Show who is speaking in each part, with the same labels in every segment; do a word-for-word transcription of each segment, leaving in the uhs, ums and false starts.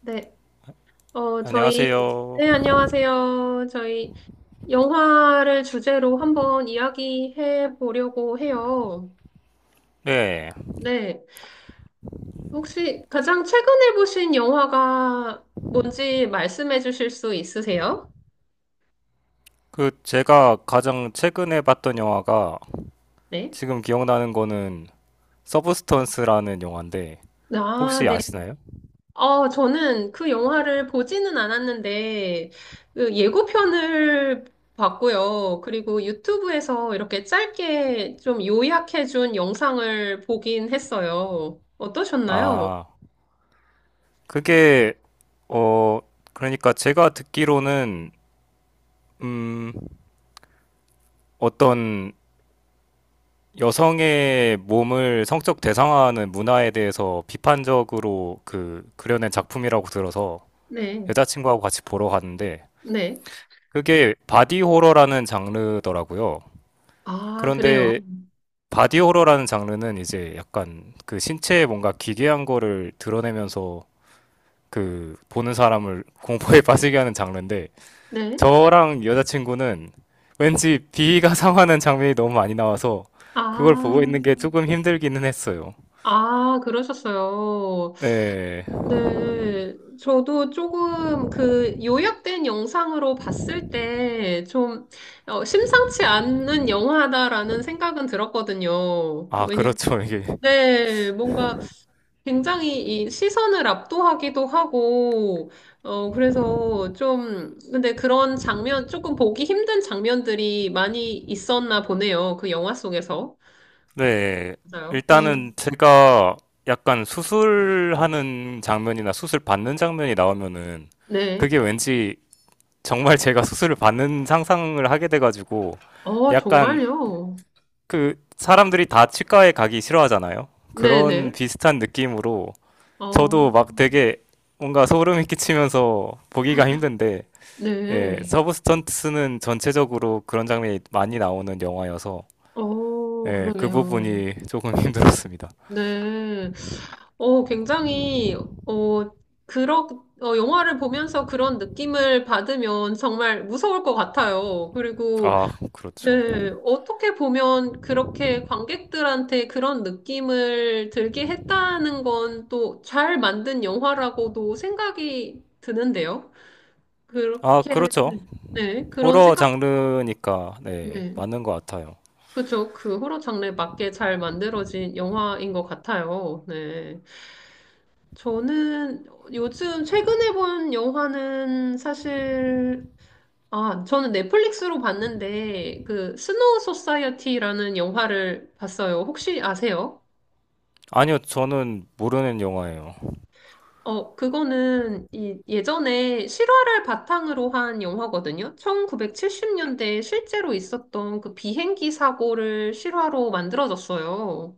Speaker 1: 네, 어, 저희,
Speaker 2: 안녕하세요.
Speaker 1: 네, 안녕하세요. 저희 영화를 주제로 한번 이야기해 보려고 해요.
Speaker 2: 네.
Speaker 1: 네, 혹시 가장 최근에 보신 영화가 뭔지 말씀해 주실 수 있으세요?
Speaker 2: 그 제가 가장 최근에 봤던 영화가
Speaker 1: 네.
Speaker 2: 지금 기억나는 거는 서브스턴스라는 영화인데
Speaker 1: 아,
Speaker 2: 혹시
Speaker 1: 네.
Speaker 2: 아시나요?
Speaker 1: 어, 저는 그 영화를 보지는 않았는데, 그 예고편을 봤고요. 그리고 유튜브에서 이렇게 짧게 좀 요약해준 영상을 보긴 했어요. 어떠셨나요?
Speaker 2: 아, 그게 어 그러니까 제가 듣기로는 음 어떤 여성의 몸을 성적 대상화하는 문화에 대해서 비판적으로 그 그려낸 작품이라고 들어서
Speaker 1: 네,
Speaker 2: 여자친구하고 같이 보러 갔는데
Speaker 1: 네.
Speaker 2: 그게 바디 호러라는 장르더라고요.
Speaker 1: 아, 그래요.
Speaker 2: 그런데 바디 호러라는 장르는 이제 약간 그 신체에 뭔가 기괴한 거를 드러내면서 그 보는 사람을 공포에 빠지게 하는 장르인데
Speaker 1: 네.
Speaker 2: 저랑 여자친구는 왠지 비위가 상하는 장면이 너무 많이 나와서 그걸 보고
Speaker 1: 아,
Speaker 2: 있는 게 조금 힘들기는 했어요.
Speaker 1: 아, 그러셨어요.
Speaker 2: 네.
Speaker 1: 네, 저도 조금 그 요약된 영상으로 봤을 때좀 어, 심상치 않은 영화다라는 생각은 들었거든요.
Speaker 2: 아,
Speaker 1: 왜냐,
Speaker 2: 그렇죠. 이게.
Speaker 1: 네, 뭔가 굉장히 이 시선을 압도하기도 하고, 어, 그래서 좀, 근데 그런 장면, 조금 보기 힘든 장면들이 많이 있었나 보네요. 그 영화 속에서.
Speaker 2: 네,
Speaker 1: 맞아요.
Speaker 2: 일단은
Speaker 1: 음,
Speaker 2: 제가 약간 수술하는 장면이나 수술 받는 장면이 나오면은
Speaker 1: 네.
Speaker 2: 그게 왠지 정말 제가 수술을 받는 상상을 하게 돼가지고
Speaker 1: 어,
Speaker 2: 약간
Speaker 1: 정말요?
Speaker 2: 그 사람들이 다 치과에 가기 싫어하잖아요. 그런
Speaker 1: 네네.
Speaker 2: 비슷한 느낌으로
Speaker 1: 어.
Speaker 2: 저도 막 되게 뭔가 소름이 끼치면서 보기가 힘든데 예,
Speaker 1: 네.
Speaker 2: 서브 스턴트는 전체적으로 그런 장면이 많이 나오는 영화여서
Speaker 1: 어,
Speaker 2: 예, 그
Speaker 1: 그러네요.
Speaker 2: 부분이 조금 힘들었습니다.
Speaker 1: 네. 어, 굉장히, 어, 그러, 어, 영화를 보면서 그런 느낌을 받으면 정말 무서울 것 같아요. 그리고,
Speaker 2: 아, 그렇죠.
Speaker 1: 네, 어떻게 보면 그렇게 관객들한테 그런 느낌을 들게 했다는 건 또 잘 만든 영화라고도 생각이 드는데요.
Speaker 2: 아,
Speaker 1: 그렇게,
Speaker 2: 그렇죠.
Speaker 1: 네, 그런
Speaker 2: 호러
Speaker 1: 생각,
Speaker 2: 장르니까 네,
Speaker 1: 네.
Speaker 2: 맞는 것 같아요.
Speaker 1: 그쵸. 그 호러 장르에 맞게 잘 만들어진 영화인 것 같아요. 네. 저는 요즘 최근에 본 영화는 사실, 아, 저는 넷플릭스로 봤는데, 그, 스노우 소사이어티라는 영화를 봤어요. 혹시 아세요?
Speaker 2: 아니요, 저는 모르는 영화예요.
Speaker 1: 어, 그거는 이 예전에 실화를 바탕으로 한 영화거든요. 천구백칠십 년대에 실제로 있었던 그 비행기 사고를 실화로 만들어졌어요.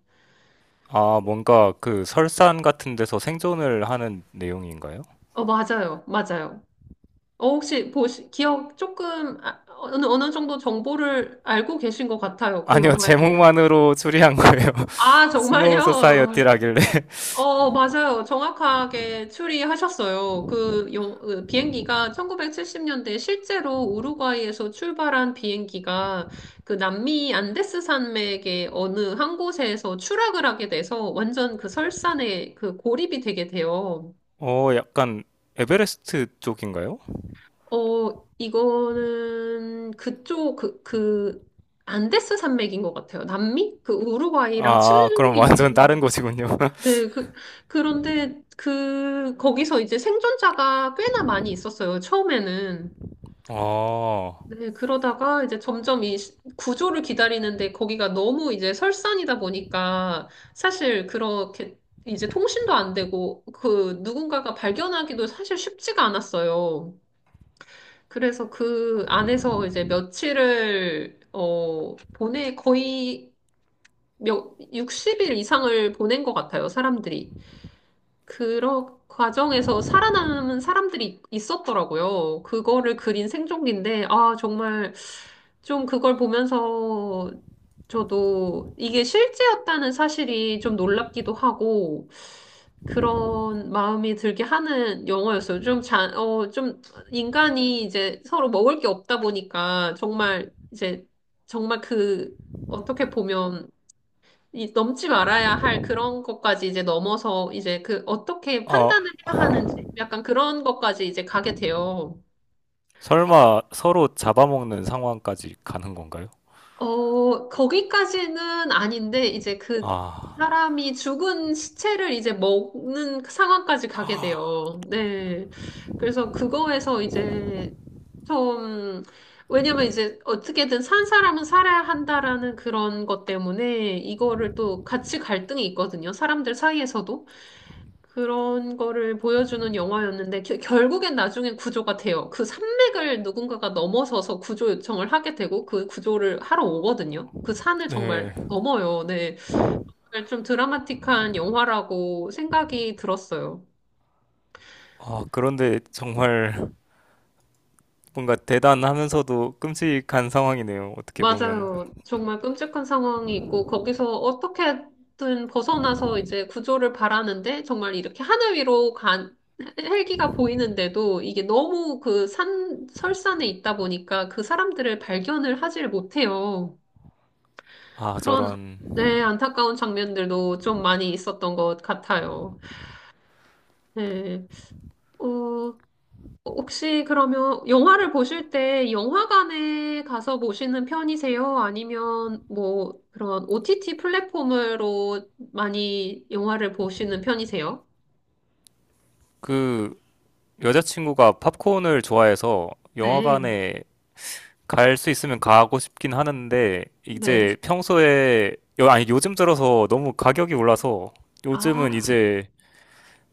Speaker 2: 아, 뭔가 그 설산 같은 데서 생존을 하는 내용인가요?
Speaker 1: 어, 맞아요. 맞아요. 어, 혹시 보시, 기억 조금, 아, 어느, 어느 정도 정보를 알고 계신 것 같아요. 그
Speaker 2: 아니요,
Speaker 1: 영화에 대해서.
Speaker 2: 제목만으로 추리한 거예요.
Speaker 1: 아,
Speaker 2: 스노우
Speaker 1: 정말요?
Speaker 2: 소사이어티라길래.
Speaker 1: 어, 어, 맞아요. 정확하게 추리하셨어요. 그 영- 그 비행기가 천구백칠십 년대 실제로 우루과이에서 출발한 비행기가 그 남미 안데스 산맥의 어느 한 곳에서 추락을 하게 돼서 완전 그 설산에 그 고립이 되게 돼요.
Speaker 2: 어, 약간 에베레스트 쪽인가요?
Speaker 1: 어, 이거는 그쪽, 그, 그, 안데스 산맥인 것 같아요. 남미? 그 우루과이랑
Speaker 2: 아,
Speaker 1: 칠레에
Speaker 2: 그럼 완전 다른
Speaker 1: 있는.
Speaker 2: 곳이군요.
Speaker 1: 네, 그, 그런데 그, 거기서 이제 생존자가 꽤나 많이 있었어요. 처음에는.
Speaker 2: 어,
Speaker 1: 네, 그러다가 이제 점점 이 시- 구조를 기다리는데 거기가 너무 이제 설산이다 보니까 사실 그렇게 이제 통신도 안 되고 그 누군가가 발견하기도 사실 쉽지가 않았어요. 그래서 그 안에서 이제 며칠을, 어, 보내, 거의 몇, 육십 일 이상을 보낸 것 같아요, 사람들이. 그런 과정에서 살아남은 사람들이 있었더라고요. 그거를 그린 생존기인데, 아, 정말 좀 그걸 보면서 저도 이게 실제였다는 사실이 좀 놀랍기도 하고, 그런 마음이 들게 하는 영화였어요. 좀 자, 어, 좀 인간이 이제 서로 먹을 게 없다 보니까 정말 이제 정말 그 어떻게 보면 이 넘지 말아야 할 그런 것까지 이제 넘어서 이제 그 어떻게
Speaker 2: 어,
Speaker 1: 판단을 해야 하는지 약간 그런 것까지 이제 가게 돼요.
Speaker 2: 설마 서로 잡아먹는 상황까지 가는 건가요?
Speaker 1: 어, 거기까지는 아닌데 이제 그
Speaker 2: 아,
Speaker 1: 사람이 죽은 시체를 이제 먹는 상황까지 가게 돼요. 네. 그래서 그거에서 이제 좀 왜냐면 이제 어떻게든 산 사람은 살아야 한다라는 그런 것 때문에 이거를 또 같이 갈등이 있거든요. 사람들 사이에서도. 그런 거를 보여주는 영화였는데 겨- 결국엔 나중엔 구조가 돼요. 그 산맥을 누군가가 넘어서서 구조 요청을 하게 되고 그 구조를 하러 오거든요. 그 산을
Speaker 2: 네.
Speaker 1: 정말 넘어요. 네. 정말 좀 드라마틱한 영화라고 생각이 들었어요.
Speaker 2: 아, 그런데 정말 뭔가 대단하면서도 끔찍한 상황이네요. 어떻게 보면.
Speaker 1: 맞아요. 정말 끔찍한 상황이 있고, 거기서 어떻게든 벗어나서 이제 구조를 바라는데, 정말 이렇게 하늘 위로 간, 헬기가 보이는데도 이게 너무 그 산, 설산에 있다 보니까 그 사람들을 발견을 하질 못해요.
Speaker 2: 아,
Speaker 1: 그런,
Speaker 2: 저런.
Speaker 1: 네, 안타까운 장면들도 좀 많이 있었던 것 같아요. 네. 어, 혹시 그러면 영화를 보실 때 영화관에 가서 보시는 편이세요? 아니면 뭐 그런 오티티 플랫폼으로 많이 영화를 보시는 편이세요?
Speaker 2: 그, 여자친구가 팝콘을 좋아해서
Speaker 1: 네,
Speaker 2: 영화관에 갈 수 있으면 가고 싶긴 하는데
Speaker 1: 네.
Speaker 2: 이제 평소에 여- 아니 요즘 들어서 너무 가격이 올라서 요즘은
Speaker 1: 아,
Speaker 2: 이제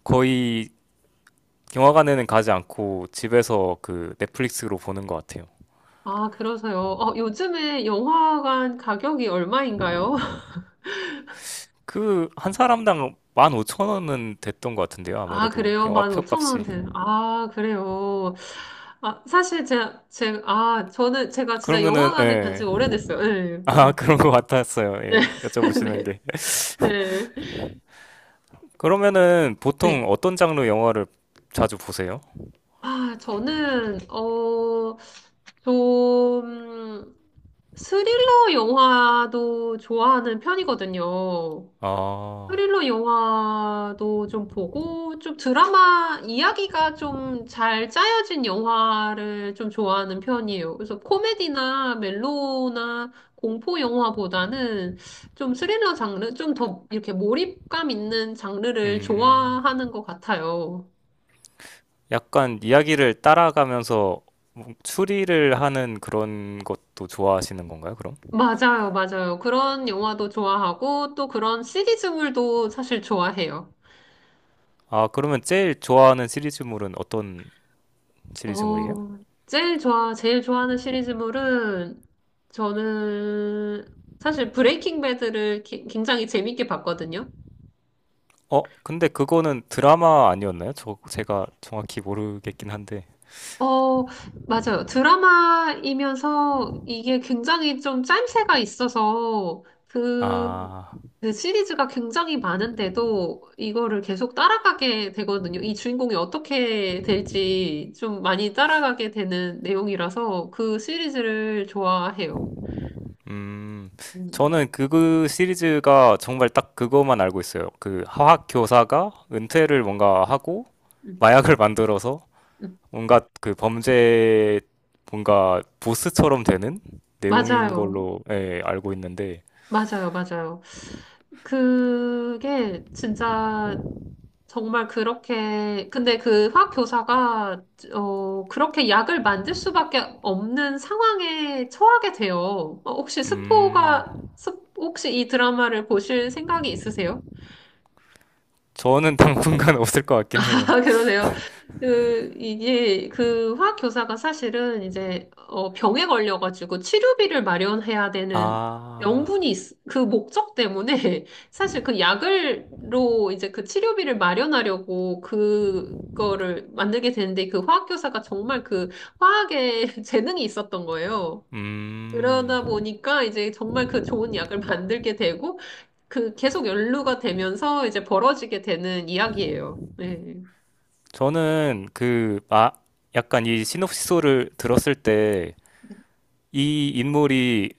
Speaker 2: 거의 영화관에는 가지 않고 집에서 그 넷플릭스로 보는 것 같아요.
Speaker 1: 아, 그러세요. 어, 요즘에 영화관 가격이 얼마인가요?
Speaker 2: 그 한 사람당 만 오천 원은 됐던 것 같은데요.
Speaker 1: 아,
Speaker 2: 아무래도
Speaker 1: 그래요?
Speaker 2: 영화표
Speaker 1: 만 오천 원
Speaker 2: 값이.
Speaker 1: 되는. 아, 그래요. 아, 사실 제가, 제가, 아, 저는 제가 진짜
Speaker 2: 그러면은
Speaker 1: 영화관에 간지
Speaker 2: 예.
Speaker 1: 오래됐어요. 네.
Speaker 2: 아,
Speaker 1: 음.
Speaker 2: 그런 것 같았어요.
Speaker 1: 네.
Speaker 2: 예. 여쭤보시는
Speaker 1: 네.
Speaker 2: 게.
Speaker 1: 네.
Speaker 2: 그러면은 보통
Speaker 1: 네.
Speaker 2: 어떤 장르 영화를 자주 보세요?
Speaker 1: 아, 저는, 어, 좀, 스릴러 영화도 좋아하는 편이거든요.
Speaker 2: 아,
Speaker 1: 스릴러 영화도 좀 보고, 좀 드라마 이야기가 좀 잘 짜여진 영화를 좀 좋아하는 편이에요. 그래서 코미디나 멜로나 공포 영화보다는 좀 스릴러 장르, 좀 더 이렇게 몰입감 있는 장르를
Speaker 2: 음.
Speaker 1: 좋아하는 것 같아요.
Speaker 2: 약간 이야기를 따라가면서 뭐 추리를 하는 그런 것도 좋아하시는 건가요, 그럼?
Speaker 1: 맞아요, 맞아요. 그런 영화도 좋아하고 또 그런 시리즈물도 사실 좋아해요.
Speaker 2: 아, 그러면 제일 좋아하는 시리즈물은 어떤 시리즈물이에요?
Speaker 1: 어, 제일 좋아, 제일 좋아하는 시리즈물은 저는 사실 브레이킹 배드를 기- 굉장히 재밌게 봤거든요.
Speaker 2: 어, 근데 그거는 드라마 아니었나요? 저, 제가 정확히 모르겠긴 한데.
Speaker 1: 어, 맞아요. 드라마이면서 이게 굉장히 좀 짜임새가 있어서 그,
Speaker 2: 아,
Speaker 1: 그 시리즈가 굉장히 많은데도 이거를 계속 따라가게 되거든요. 이 주인공이 어떻게 될지 좀 많이 따라가게 되는 내용이라서 그 시리즈를 좋아해요.
Speaker 2: 음.
Speaker 1: 음,
Speaker 2: 저는 그, 그 시리즈가 정말 딱 그것만 알고 있어요. 그 화학 교사가 은퇴를 뭔가 하고
Speaker 1: 음,
Speaker 2: 마약을 만들어서
Speaker 1: 음.
Speaker 2: 뭔가 그 범죄 뭔가 보스처럼 되는 내용인
Speaker 1: 맞아요.
Speaker 2: 걸로 예, 알고 있는데
Speaker 1: 맞아요. 맞아요. 그게 진짜 정말 그렇게, 근데 그 화학 교사가, 어, 그렇게 약을 만들 수밖에 없는 상황에 처하게 돼요. 어, 혹시
Speaker 2: 음
Speaker 1: 스포가, 스- 혹시 이 드라마를 보실 생각이 있으세요?
Speaker 2: 저는 당분간 없을 것 같긴 해요.
Speaker 1: 아, 그러세요. 그, 이게, 그 화학 교사가 사실은 이제, 어, 병에 걸려가지고 치료비를 마련해야
Speaker 2: 아,
Speaker 1: 되는 명분이, 있- 그 목적 때문에 사실 그 약을로 이제 그 치료비를 마련하려고 그거를 만들게 되는데 그 화학 교사가 정말 그 화학에 재능이 있었던 거예요.
Speaker 2: 음
Speaker 1: 그러다 보니까 이제 정말 그 좋은 약을 만들게 되고 그 계속 연루가 되면서 이제 벌어지게 되는 이야기예요. 네.
Speaker 2: 저는 그 아, 약간 이 시놉시소를 들었을 때 이 인물이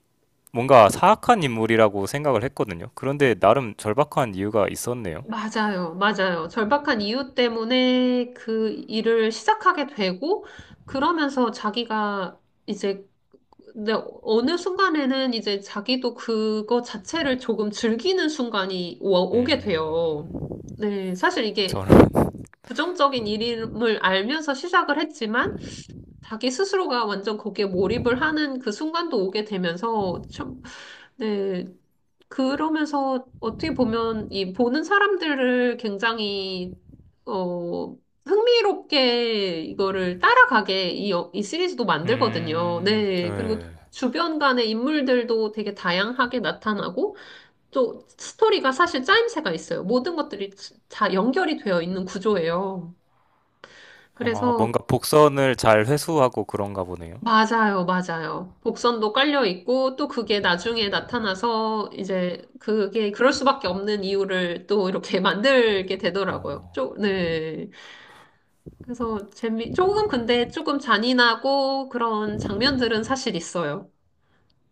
Speaker 2: 뭔가 사악한 인물이라고 생각을 했거든요. 그런데 나름 절박한 이유가 있었네요.
Speaker 1: 맞아요, 맞아요. 절박한 이유 때문에 그 일을 시작하게 되고, 그러면서 자기가 이제, 근데 어느 순간에는 이제 자기도 그거 자체를 조금 즐기는 순간이 오, 오게
Speaker 2: 음
Speaker 1: 돼요. 네, 사실 이게
Speaker 2: 저는
Speaker 1: 부정적인 일임을 알면서 시작을 했지만, 자기 스스로가 완전 거기에 몰입을 하는 그 순간도 오게 되면서, 참, 네, 그러면서 어떻게 보면 이 보는 사람들을 굉장히 어 흥미롭게 이거를 따라가게 이, 여- 이 시리즈도 만들거든요.
Speaker 2: 음
Speaker 1: 네. 그리고
Speaker 2: 예.
Speaker 1: 주변 간의 인물들도 되게 다양하게 나타나고 또 스토리가 사실 짜임새가 있어요. 모든 것들이 다 연결이 되어 있는 구조예요.
Speaker 2: 아,
Speaker 1: 그래서
Speaker 2: 뭔가 복선을 잘 회수하고 그런가 보네요.
Speaker 1: 맞아요, 맞아요. 복선도 깔려 있고, 또 그게 나중에 나타나서, 이제, 그게, 그럴 수밖에 없는 이유를 또 이렇게 만들게 되더라고요.
Speaker 2: 어,
Speaker 1: 쪼, 네. 그래서 재미, 조금 근데 조금 잔인하고 그런 장면들은 사실 있어요.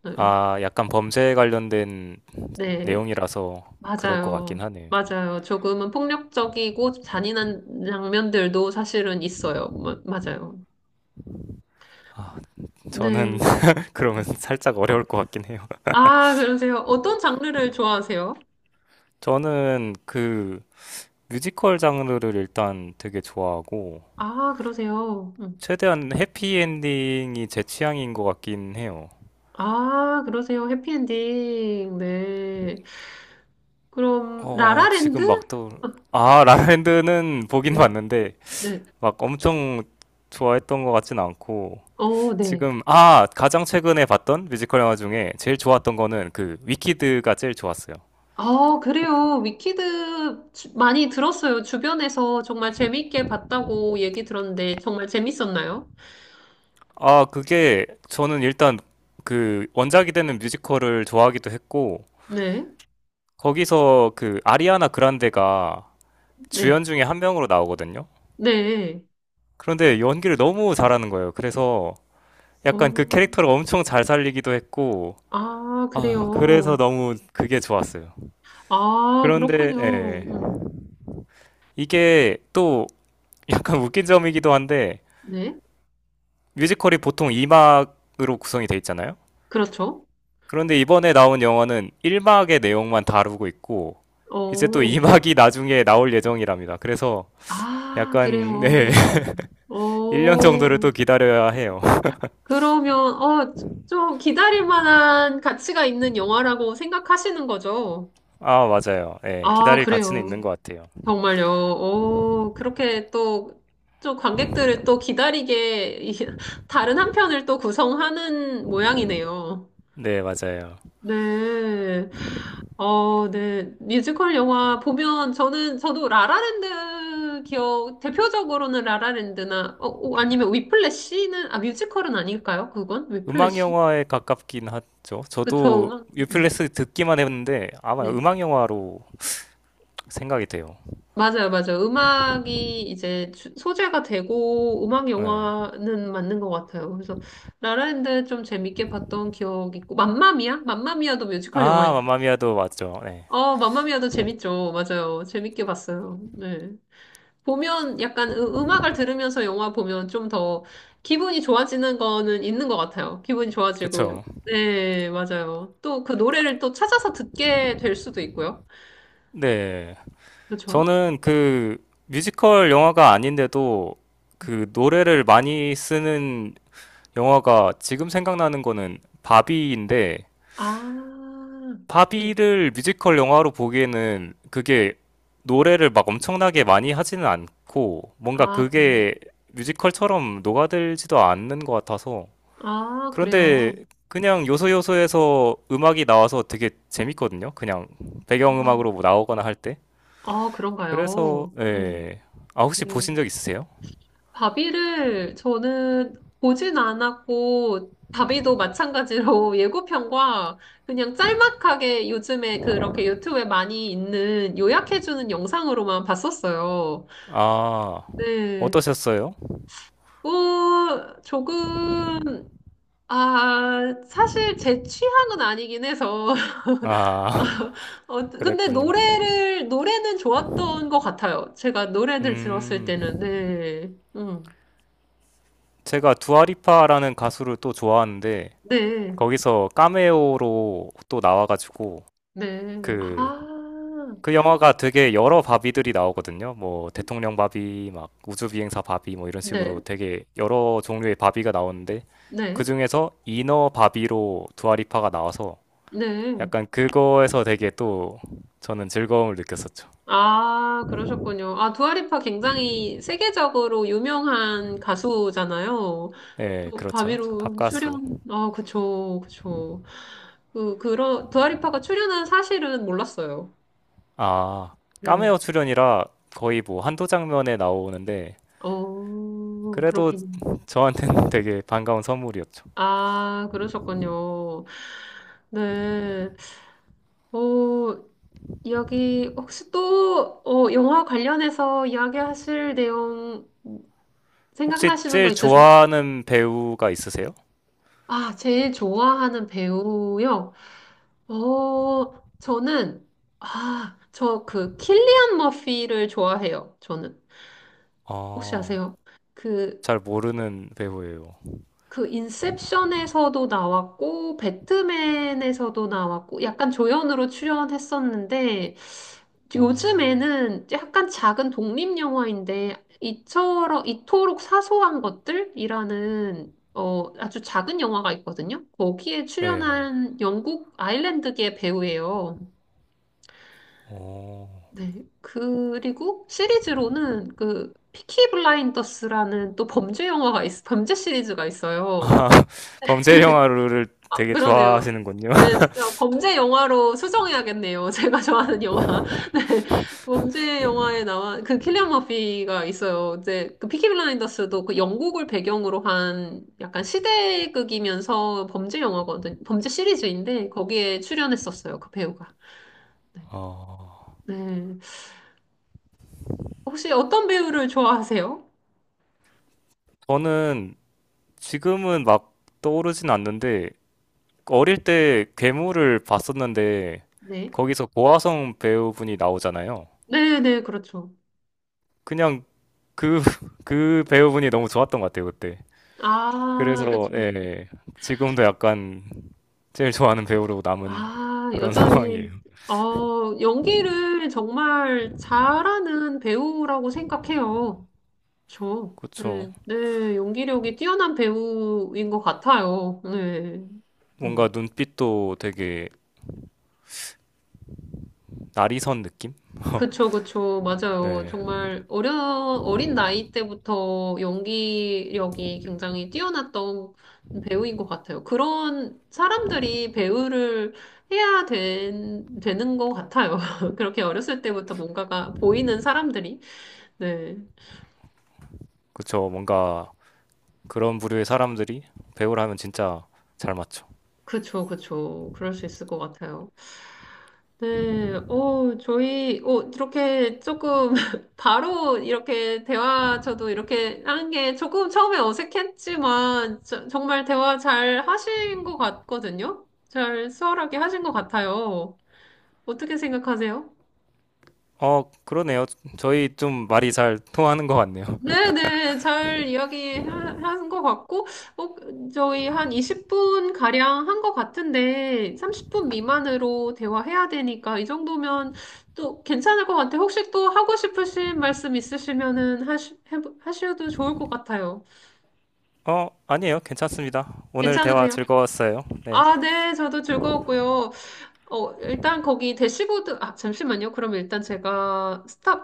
Speaker 1: 네.
Speaker 2: 아, 약간 범죄에 관련된
Speaker 1: 네.
Speaker 2: 내용이라서 그럴 것
Speaker 1: 맞아요.
Speaker 2: 같긴 하네요.
Speaker 1: 맞아요. 조금은 폭력적이고 잔인한 장면들도 사실은 있어요. 마- 맞아요.
Speaker 2: 저는
Speaker 1: 네.
Speaker 2: 그러면 살짝 어려울 것 같긴 해요.
Speaker 1: 아, 그러세요. 어떤 장르를 좋아하세요?
Speaker 2: 저는 그 뮤지컬 장르를 일단 되게 좋아하고,
Speaker 1: 아, 그러세요. 음.
Speaker 2: 최대한 해피엔딩이 제 취향인 것 같긴 해요.
Speaker 1: 아, 그러세요. 해피엔딩. 네. 그럼,
Speaker 2: 어,
Speaker 1: 라라랜드?
Speaker 2: 지금 막 또, 아, 라라랜드는 보긴
Speaker 1: 네.
Speaker 2: 봤는데,
Speaker 1: 네.
Speaker 2: 막 엄청 좋아했던 것 같진 않고,
Speaker 1: 어, 네.
Speaker 2: 지금 아 가장 최근에 봤던 뮤지컬 영화 중에 제일 좋았던 거는 그 위키드가 제일 좋았어요.
Speaker 1: 아, 그래요. 위키드 주- 많이 들었어요. 주변에서 정말 재밌게 봤다고 얘기 들었는데, 정말 재밌었나요?
Speaker 2: 아 그게 저는 일단 그 원작이 되는 뮤지컬을 좋아하기도 했고
Speaker 1: 네.
Speaker 2: 거기서 그 아리아나 그란데가 주연
Speaker 1: 네.
Speaker 2: 중에 한 명으로 나오거든요.
Speaker 1: 네.
Speaker 2: 그런데 연기를 너무 잘하는 거예요. 그래서
Speaker 1: 어,
Speaker 2: 약간 그 캐릭터를 엄청 잘 살리기도 했고
Speaker 1: 아,
Speaker 2: 아
Speaker 1: 그래요.
Speaker 2: 그래서 너무 그게 좋았어요.
Speaker 1: 아,
Speaker 2: 그런데 예,
Speaker 1: 그렇군요. 음,
Speaker 2: 이게 또 약간 웃긴 점이기도 한데
Speaker 1: 네.
Speaker 2: 뮤지컬이 보통 이 막으로 구성이 돼 있잖아요.
Speaker 1: 그렇죠.
Speaker 2: 그런데 이번에 나온 영화는 일 막의 내용만 다루고 있고 이제 또
Speaker 1: 어,
Speaker 2: 이 막이 나중에 나올 예정이랍니다. 그래서
Speaker 1: 아,
Speaker 2: 약간
Speaker 1: 그래요.
Speaker 2: 네, 일 년 정도를 또
Speaker 1: 어,
Speaker 2: 기다려야 해요.
Speaker 1: 그러면, 어, 좀, 기다릴 만한 가치가 있는 영화라고 생각하시는 거죠?
Speaker 2: 아, 맞아요. 네
Speaker 1: 아,
Speaker 2: 기다릴 가치는 있는
Speaker 1: 그래요.
Speaker 2: 것 같아요.
Speaker 1: 정말요. 오, 그렇게 또, 또 관객들을 또 기다리게, 이- 다른 한 편을 또 구성하는 모양이네요.
Speaker 2: 네, 맞아요.
Speaker 1: 네. 어, 네. 뮤지컬 영화 보면 저는, 저도 라라랜드 기억, 대표적으로는 라라랜드나, 어, 어, 아니면 위플래시는, 아, 뮤지컬은 아닐까요? 그건?
Speaker 2: 음악
Speaker 1: 위플래시?
Speaker 2: 영화에 가깝긴 하죠. 저도
Speaker 1: 그쵸.
Speaker 2: 유플레스 듣기만 했는데 아마
Speaker 1: 네.
Speaker 2: 음악 영화로 생각이 돼요.
Speaker 1: 맞아요, 맞아요. 음악이 이제 주- 소재가 되고 음악
Speaker 2: 네.
Speaker 1: 영화는 맞는 것 같아요. 그래서 라라랜드 좀 재밌게 봤던 기억 있고 맘마미아? 맘마미아도 뮤지컬 영화예
Speaker 2: 아,
Speaker 1: 요
Speaker 2: 맘마미아도 맞죠. 네.
Speaker 1: 어, 맘마미아도 재밌죠. 맞아요. 재밌게 봤어요. 네. 보면 약간 음- 음악을 들으면서 영화 보면 좀 더 기분이 좋아지는 거는 있는 것 같아요. 기분이 좋아지고.
Speaker 2: 그쵸.
Speaker 1: 네, 맞아요. 또 그 노래를 또 찾아서 듣게 될 수도 있고요.
Speaker 2: 네.
Speaker 1: 그렇죠?
Speaker 2: 저는 그 뮤지컬 영화가 아닌데도 그 노래를 많이 쓰는 영화가 지금 생각나는 거는 바비인데
Speaker 1: 아. 네.
Speaker 2: 바비를 뮤지컬 영화로 보기에는 그게 노래를 막 엄청나게 많이 하지는 않고 뭔가
Speaker 1: 아, 그래요.
Speaker 2: 그게 뮤지컬처럼 녹아들지도 않는 것 같아서
Speaker 1: 아, 그래요.
Speaker 2: 그런데 그냥 요소요소에서 음악이 나와서 되게 재밌거든요. 그냥
Speaker 1: 아,
Speaker 2: 배경음악으로 뭐 나오거나 할 때.
Speaker 1: 아,
Speaker 2: 그래서
Speaker 1: 그런가요? 음,
Speaker 2: 예. 아 혹시 보신
Speaker 1: 네.
Speaker 2: 적 있으세요?
Speaker 1: 바비를 저는 보진 않았고, 바비도 마찬가지로 예고편과 그냥 짤막하게 요즘에 그렇게 유튜브에 많이 있는 요약해주는 영상으로만 봤었어요.
Speaker 2: 아
Speaker 1: 네.
Speaker 2: 어떠셨어요?
Speaker 1: 뭐, 조금, 아, 사실 제 취향은 아니긴 해서,
Speaker 2: 아
Speaker 1: 어, 근데
Speaker 2: 그랬군요.
Speaker 1: 노래를, 노래는 좋았던 것 같아요. 제가 노래들 들었을
Speaker 2: 음
Speaker 1: 때는, 네. 음,
Speaker 2: 제가 두아리파라는 가수를 또 좋아하는데
Speaker 1: 네,
Speaker 2: 거기서 카메오로 또 나와가지고
Speaker 1: 네.
Speaker 2: 그
Speaker 1: 아,
Speaker 2: 그 영화가 되게 여러 바비들이 나오거든요. 뭐 대통령 바비, 막 우주비행사 바비 뭐 이런
Speaker 1: 네,
Speaker 2: 식으로 되게 여러 종류의 바비가 나오는데
Speaker 1: 네,
Speaker 2: 그 중에서 이너 바비로 두아리파가 나와서
Speaker 1: 네.
Speaker 2: 약간 그거에서 되게 또 저는 즐거움을 느꼈었죠.
Speaker 1: 아, 그러셨군요. 아, 두아리파 굉장히 세계적으로 유명한 가수잖아요.
Speaker 2: 네,
Speaker 1: 또,
Speaker 2: 그렇죠.
Speaker 1: 바비로
Speaker 2: 밥가수.
Speaker 1: 출연, 아, 그쵸, 그쵸. 그, 그런, 두아리파가 출연한 사실은 몰랐어요.
Speaker 2: 아,
Speaker 1: 네.
Speaker 2: 까메오 출연이라 거의 뭐 한두 장면에 나오는데
Speaker 1: 어,
Speaker 2: 그래도
Speaker 1: 그렇군요.
Speaker 2: 저한테는 되게 반가운 선물이었죠.
Speaker 1: 아, 그러셨군요. 네. 어, 이야기, 혹시 또, 어, 영화 관련해서 이야기하실 내용
Speaker 2: 혹시
Speaker 1: 생각나시는
Speaker 2: 제일
Speaker 1: 거 있으세요?
Speaker 2: 좋아하는 배우가 있으세요?
Speaker 1: 아, 제일 좋아하는 배우요? 어, 저는, 아, 저 그 킬리안 머피를 좋아해요. 저는. 혹시
Speaker 2: 아,
Speaker 1: 아세요? 그
Speaker 2: 잘 모르는 배우예요.
Speaker 1: 그 인셉션에서도 나왔고 배트맨에서도 나왔고 약간 조연으로 출연했었는데
Speaker 2: 어,
Speaker 1: 요즘에는 약간 작은 독립 영화인데 이처럼 이토록 사소한 것들이라는 어 아주 작은 영화가 있거든요. 거기에
Speaker 2: 네.
Speaker 1: 출연한 영국 아일랜드계 배우예요.
Speaker 2: 오
Speaker 1: 네. 그리고 시리즈로는 그 피키 블라인더스라는 또 범죄 영화가 있, 범죄 시리즈가 있어요.
Speaker 2: 아, 범죄 영화를 되게
Speaker 1: 그러네요.
Speaker 2: 좋아하시는군요.
Speaker 1: 네, 진짜 범죄 영화로 수정해야겠네요. 제가 좋아하는 영화. 네, 범죄 영화에 나와 그 킬리안 머피가 있어요. 이제 그 피키 블라인더스도 그 영국을 배경으로 한 약간 시대극이면서 범죄 영화거든, 범죄 시리즈인데 거기에 출연했었어요. 그 배우가. 네.
Speaker 2: 어,
Speaker 1: 네. 혹시 어떤 배우를 좋아하세요?
Speaker 2: 저는 지금은 막 떠오르진 않는데 어릴 때 괴물을 봤었는데
Speaker 1: 네.
Speaker 2: 거기서 고아성 배우분이 나오잖아요.
Speaker 1: 네, 네, 그렇죠.
Speaker 2: 그냥 그, 그 배우분이 너무 좋았던 것 같아요, 그때.
Speaker 1: 아, 그렇죠.
Speaker 2: 그래서 예, 예. 지금도 약간 제일 좋아하는 배우로 남은
Speaker 1: 아,
Speaker 2: 그런
Speaker 1: 여전히,
Speaker 2: 상황이에요.
Speaker 1: 어, 연기를 정말 잘하는 배우라고 생각해요. 저,
Speaker 2: 그쵸.
Speaker 1: 네, 네, 연기력이 뛰어난 배우인 것 같아요. 네. 음.
Speaker 2: 뭔가 눈빛도 되게 나리선 느낌?
Speaker 1: 그쵸, 그쵸. 맞아요.
Speaker 2: 네.
Speaker 1: 정말 어려, 어린 나이 때부터 연기력이 굉장히 뛰어났던 배우인 것 같아요. 그런 사람들이 배우를 해야 된, 되는 것 같아요. 그렇게 어렸을 때부터 뭔가가 보이는 사람들이. 네.
Speaker 2: 그쵸. 뭔가 그런 부류의 사람들이 배우를 하면 진짜 잘 맞죠.
Speaker 1: 그쵸, 그쵸. 그럴 수 있을 것 같아요. 네, 어, 저희, 어, 이렇게 조금, 바로 이렇게 대화, 저도 이렇게 하는 게 조금 처음에 어색했지만, 저- 정말 대화 잘 하신 것 같거든요? 잘 수월하게 하신 것 같아요. 어떻게 생각하세요?
Speaker 2: 어, 그러네요. 저희 좀 말이 잘 통하는 것 같네요.
Speaker 1: 네네, 잘 이야기한 것 같고, 어, 저희 한 이십 분 가량 한 것 같은데, 삼십 분 미만으로 대화해야 되니까, 이 정도면 또 괜찮을 것 같아요. 혹시 또 하고 싶으신 말씀 있으시면은 하시, 해보- 하셔도 좋을 것 같아요.
Speaker 2: 어, 아니에요. 괜찮습니다. 오늘 대화
Speaker 1: 괜찮으세요?
Speaker 2: 즐거웠어요. 네.
Speaker 1: 아, 네, 저도 즐거웠고요. 어, 일단 거기 대시보드, 아, 잠시만요. 그럼 일단 제가 스탑